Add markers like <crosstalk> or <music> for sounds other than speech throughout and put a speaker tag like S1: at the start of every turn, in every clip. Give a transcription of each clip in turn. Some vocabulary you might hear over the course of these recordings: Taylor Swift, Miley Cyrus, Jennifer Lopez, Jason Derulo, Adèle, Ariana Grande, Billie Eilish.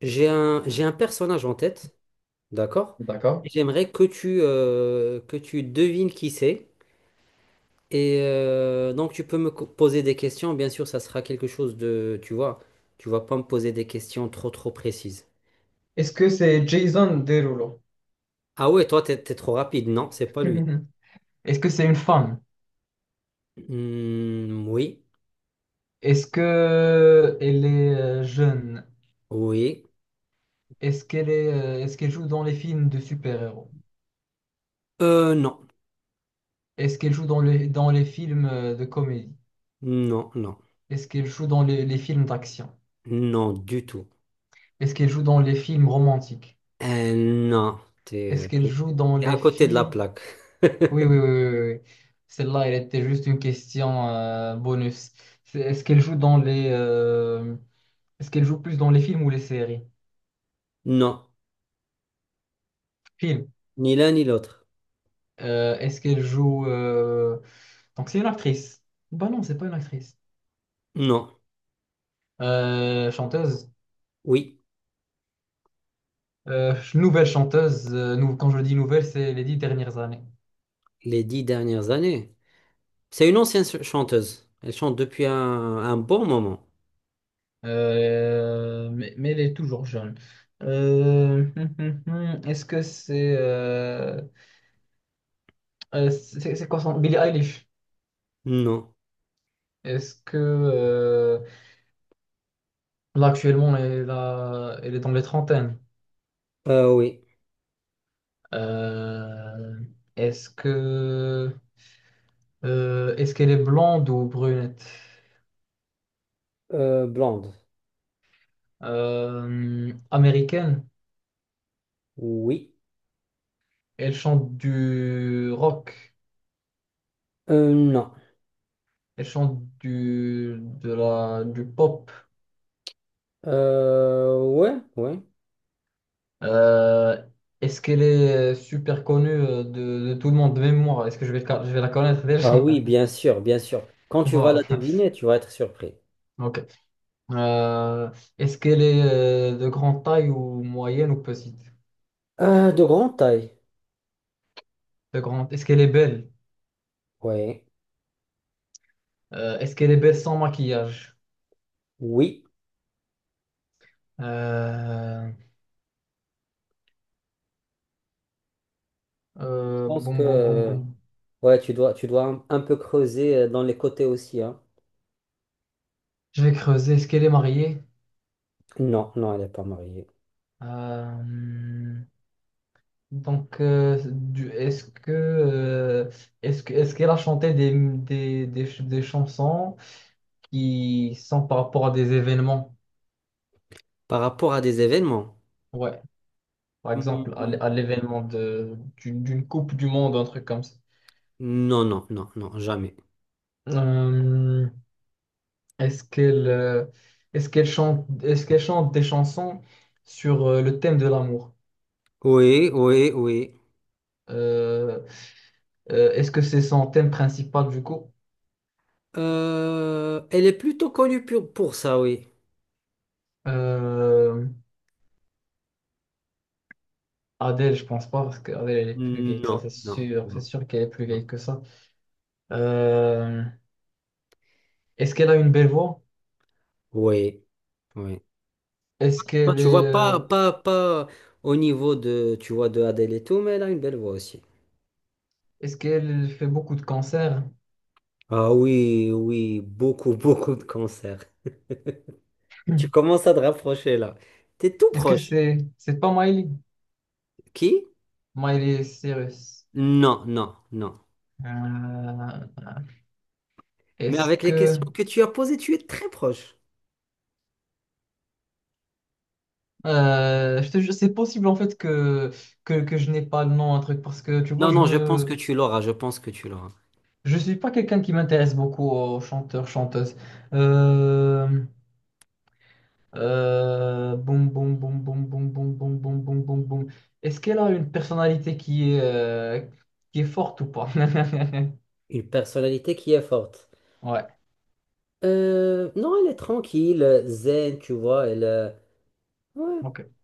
S1: J'ai un personnage en tête, d'accord? Et
S2: D'accord.
S1: j'aimerais que que tu devines qui c'est. Et donc, tu peux me poser des questions. Bien sûr, ça sera quelque chose de, tu vois, tu vas pas me poser des questions trop, trop précises.
S2: Est-ce que c'est Jason Derulo?
S1: Ah ouais, toi, t'es trop rapide. Non, c'est pas lui.
S2: <laughs> Est-ce que c'est une femme?
S1: Hmm, oui,
S2: Est-ce que elle est jeune?
S1: oui.
S2: Est-ce qu'elle joue dans les films de super-héros?
S1: Non,
S2: Est-ce qu'elle joue dans les films de comédie?
S1: non, non,
S2: Est-ce qu'elle joue dans les films d'action?
S1: non, du tout.
S2: Est-ce qu'elle joue dans les films romantiques?
S1: Non, t'es, euh,
S2: Est-ce qu'elle
S1: t'es
S2: joue dans
S1: t'es à
S2: les
S1: côté de la
S2: films...
S1: plaque.
S2: Oui, oui,
S1: <laughs>
S2: oui, oui, oui, oui. Celle-là, elle était juste une question bonus. Est-ce qu'elle joue dans les... Est-ce qu'elle joue plus dans les films ou les séries?
S1: Non,
S2: Films.
S1: ni l'un ni l'autre.
S2: Euh, est-ce qu'elle joue... euh, Donc c'est une actrice. Bah non, c'est pas une actrice.
S1: Non,
S2: Chanteuse.
S1: oui.
S2: <laughs> Nouvelle chanteuse. Quand je dis nouvelle, c'est les 10 dernières années.
S1: Les dix dernières années. C'est une ancienne chanteuse. Elle chante depuis un bon moment.
S2: Mais elle est toujours jeune. Euh, <laughs> hum, hum, Est-ce que c'est— c'est quoi son— Billie Eilish?
S1: Non.
S2: Est-ce que... euh, Là, actuellement, elle est dans les trentaines.
S1: Oui.
S2: Euh, Est-ce que... Est-ce qu'elle est blonde ou brunette?
S1: Blonde.
S2: Américaine.
S1: Oui.
S2: Elle chante du rock.
S1: Non.
S2: Elle chante du pop.
S1: Ouais, ouais.
S2: Euh, Est-ce qu'elle est super connue de tout le monde, même moi? Est-ce que je vais la connaître déjà?
S1: Bah oui,
S2: <laughs>
S1: bien sûr, bien sûr. Quand tu vas
S2: Voilà.
S1: la deviner, tu vas être surpris.
S2: Ok. Euh, Est-ce qu'elle est de grande taille ou moyenne ou petite?
S1: De grande taille.
S2: De grande. Est-ce qu'elle est belle?
S1: Ouais.
S2: Est-ce qu'elle est belle sans maquillage?
S1: Oui.
S2: Euh,
S1: Je pense
S2: bon,
S1: que
S2: bon, bon, bon.
S1: ouais, tu dois un peu creuser dans les côtés aussi, hein.
S2: Je vais creuser. Est-ce qu'elle est mariée?
S1: Non, non, elle n'est pas mariée.
S2: Euh, donc, est-ce qu'elle a chanté des chansons qui sont par rapport à des événements?
S1: Par rapport à des événements?
S2: Ouais, par exemple,
S1: Hmm,
S2: à l'événement d'une Coupe du Monde, un truc comme ça.
S1: non, non, non, non, jamais.
S2: Euh, est-ce qu'elle, euh, Est-ce qu'elle chante des chansons sur le thème de l'amour?
S1: Oui, oui, oui.
S2: Euh, Est-ce que c'est son thème principal du coup?
S1: Elle est plutôt connue pour ça, oui.
S2: Euh, Adèle, je pense pas, parce qu'Adèle, elle est plus vieille que
S1: Non,
S2: ça, c'est
S1: non,
S2: sûr. C'est
S1: non,
S2: sûr qu'elle est plus
S1: non.
S2: vieille que ça. Euh, Est-ce qu'elle a une belle voix?
S1: Oui, oui.
S2: Est-ce
S1: Non,
S2: qu'elle
S1: tu
S2: est,
S1: vois,
S2: euh,
S1: pas, pas, pas au niveau de, tu vois, de Adele et tout, mais elle a une belle voix aussi.
S2: Est-ce qu'elle fait beaucoup de concerts? <clears throat>
S1: Ah oui, oui, beaucoup, <laughs> beaucoup de concerts. Tu
S2: Hmm.
S1: commences à te rapprocher là. T'es tout
S2: Est-ce que
S1: proche.
S2: c'est pas Miley?
S1: Qui?
S2: Miley Cyrus.
S1: Non, non, non.
S2: Euh,
S1: Mais
S2: est-ce
S1: avec les
S2: que,
S1: questions que tu as posées, tu es très proche.
S2: je te jure, c'est possible en fait que je n'ai pas le nom, un truc, parce que tu vois,
S1: Non, non, je pense que tu l'auras, je pense que tu l'auras.
S2: je suis pas quelqu'un qui m'intéresse beaucoup aux chanteurs, chanteuses. Euh, Boum, boum, boum, boum, boum, boum, boum, boum, boum, boum, boum. Est-ce qu'elle a une personnalité qui est forte ou pas? <laughs>
S1: Une personnalité qui est forte.
S2: Ouais,
S1: Non, elle est tranquille, zen, tu vois, ouais.
S2: ok.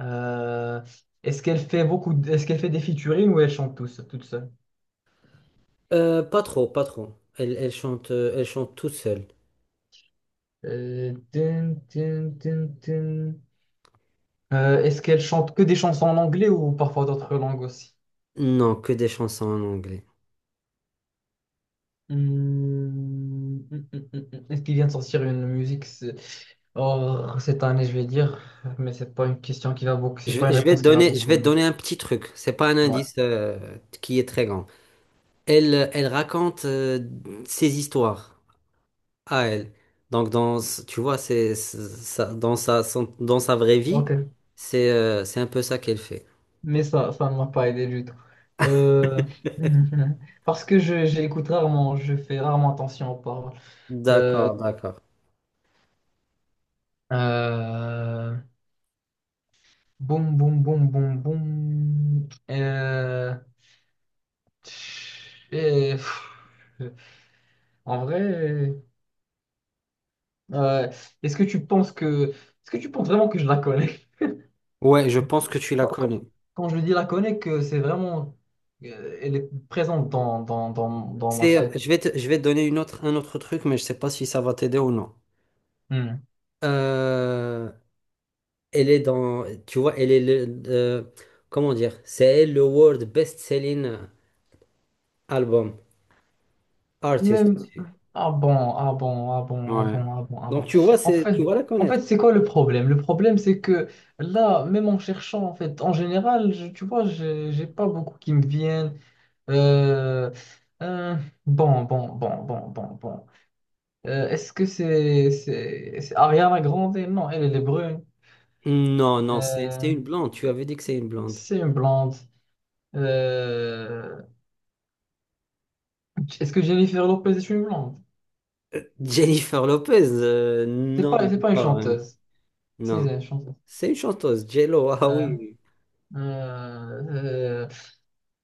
S2: Euh, Est-ce qu'elle fait des featuring ou elle chante toute seule?
S1: Pas trop, pas trop. Elle chante toute seule.
S2: Tin, tin, tin, tin. Est-ce qu'elle chante que des chansons en anglais ou parfois d'autres langues aussi?
S1: Non, que des chansons en anglais.
S2: Hmm, <laughs> Est-ce qu'il vient de sortir une musique oh, cette année, je vais dire, mais c'est pas une question qui va beaucoup, c'est pas une
S1: Je vais te
S2: réponse qui va
S1: donner, je
S2: beaucoup,
S1: vais te
S2: mais
S1: donner un petit truc. C'est pas un
S2: ouais,
S1: indice qui est très grand. Elle raconte ses histoires à elle. Donc tu vois, dans dans sa vraie vie,
S2: ok,
S1: c'est un peu ça qu'elle fait.
S2: mais ça ne m'a pas aidé du tout. Euh, <laughs> Parce que je j'écoute rarement, je fais rarement attention aux paroles. Euh,
S1: D'accord, d'accord.
S2: euh, Boum, boum, boum, boum, boum. Et, pff, en vrai. Euh, Est-ce que tu penses vraiment que je la connais?
S1: Ouais, je pense que tu la
S2: Quand, quand-
S1: connais.
S2: Quand je dis la connais, que c'est vraiment, elle est présente dans ma
S1: C'est,
S2: tête.
S1: je vais te donner un autre truc, mais je sais pas si ça va t'aider ou non.
S2: Hmm.
S1: Euh, Elle est dans, tu vois, elle est le, comment dire, c'est elle le world best-selling album artist.
S2: Même, ah bon, ah bon, ah bon, ah
S1: Ouais.
S2: bon, ah bon, ah
S1: Donc
S2: bon.
S1: tu vois,
S2: En
S1: tu
S2: fait,
S1: vas la
S2: en
S1: connaître.
S2: fait, c'est quoi le problème? Le problème, c'est que là, même en cherchant, en fait, en général, tu vois, j'ai pas beaucoup qui me viennent. Euh, euh, bon, bon, bon, bon, bon, bon. Est-ce que c'est Ariana Grande? Non, elle est brune.
S1: Non, non, c'est,
S2: Euh,
S1: c'est une blonde. Tu avais dit que c'est une blonde.
S2: c'est une blonde. Euh, Est-ce que Jennifer Lopez est une blonde?
S1: Jennifer Lopez,
S2: C'est
S1: non,
S2: pas, c'est pas une
S1: pas vraiment.
S2: chanteuse. Si,
S1: Non,
S2: c'est une chanteuse.
S1: c'est une chanteuse. J Ah
S2: Euh,
S1: oui.
S2: euh, euh,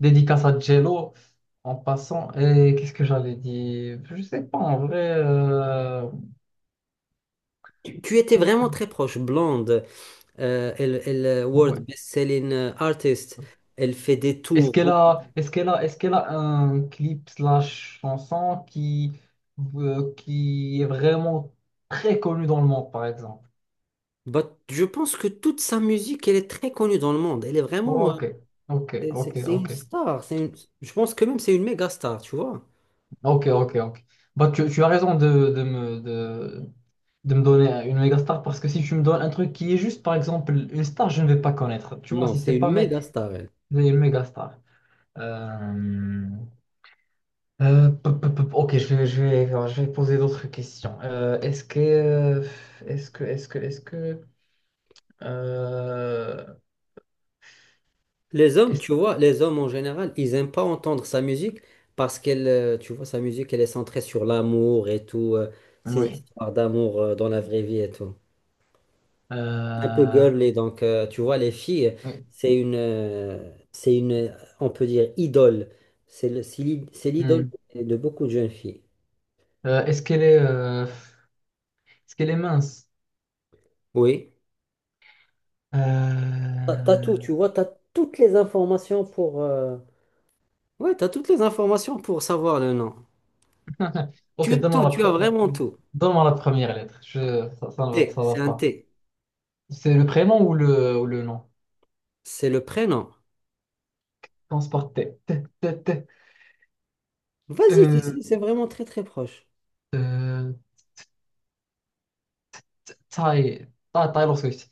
S2: Dédicace à Jello en passant. Et qu'est-ce que j'allais dire? Je sais pas en vrai.
S1: Tu étais vraiment très proche, blonde. World
S2: Ouais.
S1: best-selling artist. Elle fait des tours, beaucoup.
S2: Est-ce qu'elle a un clip slash chanson qui est vraiment très connu dans le monde, par exemple?
S1: Bah, je pense que toute sa musique, elle est très connue dans le monde. Elle est vraiment.
S2: Ok, ok,
S1: C'est
S2: ok,
S1: c'est une
S2: ok,
S1: star. Je pense que même c'est une méga star, tu vois.
S2: ok, ok, ok. Bah, tu as raison de me donner une méga star parce que si tu me donnes un truc qui est juste, par exemple, une star, je ne vais pas connaître. Tu vois,
S1: Non,
S2: si
S1: c'est
S2: c'est pas
S1: une
S2: mais,
S1: méga star, elle.
S2: une méga star. Euh, Pop, pop, pop. Ok, alors, je vais poser d'autres questions. Est-ce que, est-ce que, est-ce que, euh,
S1: Les hommes,
S2: est-ce-
S1: tu vois, les hommes en général, ils n'aiment pas entendre sa musique parce qu'elle, tu vois, sa musique, elle est centrée sur l'amour et tout, ces
S2: oui.
S1: histoires d'amour dans la vraie vie et tout. Un peu
S2: Euh,
S1: girly. Donc, tu vois, les filles,
S2: oui.
S1: c'est une, on peut dire, idole. C'est l'idole
S2: Hmm.
S1: de beaucoup de jeunes filles.
S2: Est-ce qu'elle est mince?
S1: Oui. T'as tout,
S2: Euh,
S1: tu vois, t'as toutes les informations pour. Ouais, t'as toutes les informations pour savoir le nom. Tu
S2: Ok,
S1: as tout, tu as vraiment tout.
S2: donne-moi la première lettre. Je, ça, ne va
S1: T,
S2: Ça va
S1: c'est un
S2: pas.
S1: T.
S2: C'est le prénom ou le nom?
S1: C'est le prénom.
S2: Commence par T. T, T, T.
S1: Vas-y, c'est
S2: Euh,
S1: c'est- c'est vraiment très très proche.
S2: euh, T- Ah, Taylor Swift.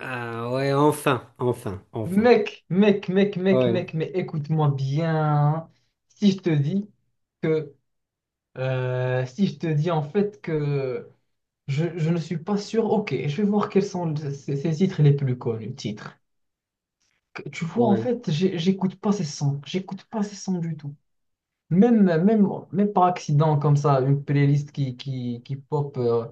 S1: Ah ouais, enfin, enfin, enfin.
S2: Mec, mec, mec, mec,
S1: Ouais,
S2: mec, mais écoute-moi bien, hein. Si je te dis que, Si je te dis en fait que je ne suis pas sûr, ok, je vais voir quels sont ces titres les plus connus. Titres. Tu vois, en
S1: ouais.
S2: fait, j'écoute pas ces sons, j'écoute pas ces sons du tout. Même, même, même par accident, comme ça, une playlist qui pop, euh,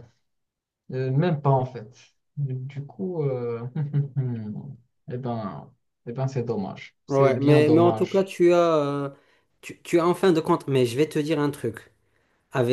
S2: euh, même pas en fait. Du coup, <laughs> eh ben, eh ben, c'est dommage. C'est
S1: Ouais,
S2: bien
S1: mais en tout cas,
S2: dommage.
S1: tu as en fin de compte, mais je vais te dire un truc.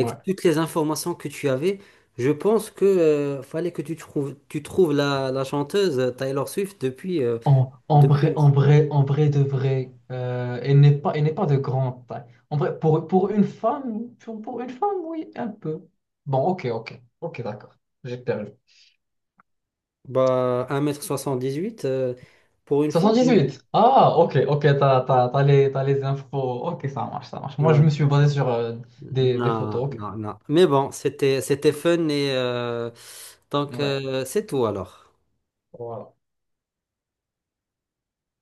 S2: Ouais.
S1: toutes les informations que tu avais, je pense que fallait que tu trouves la chanteuse Taylor Swift depuis, euh, depuis un-
S2: En vrai, en vrai de vrai, elle n'est pas de grande taille. En vrai, pour une femme, pour une femme, oui, un peu. Bon, ok, ok, ok, d'accord. J'ai perdu.
S1: bah, 78 pour une femme. Oui.
S2: 78. Ah, ok, ok, t'as les infos. Ok, ça marche, ça marche. Moi, je
S1: Ouais.
S2: me suis basé sur des
S1: Non,
S2: photos. Ok.
S1: non, non. Mais bon, c'était fun et donc
S2: Ouais.
S1: c'est tout alors.
S2: Voilà.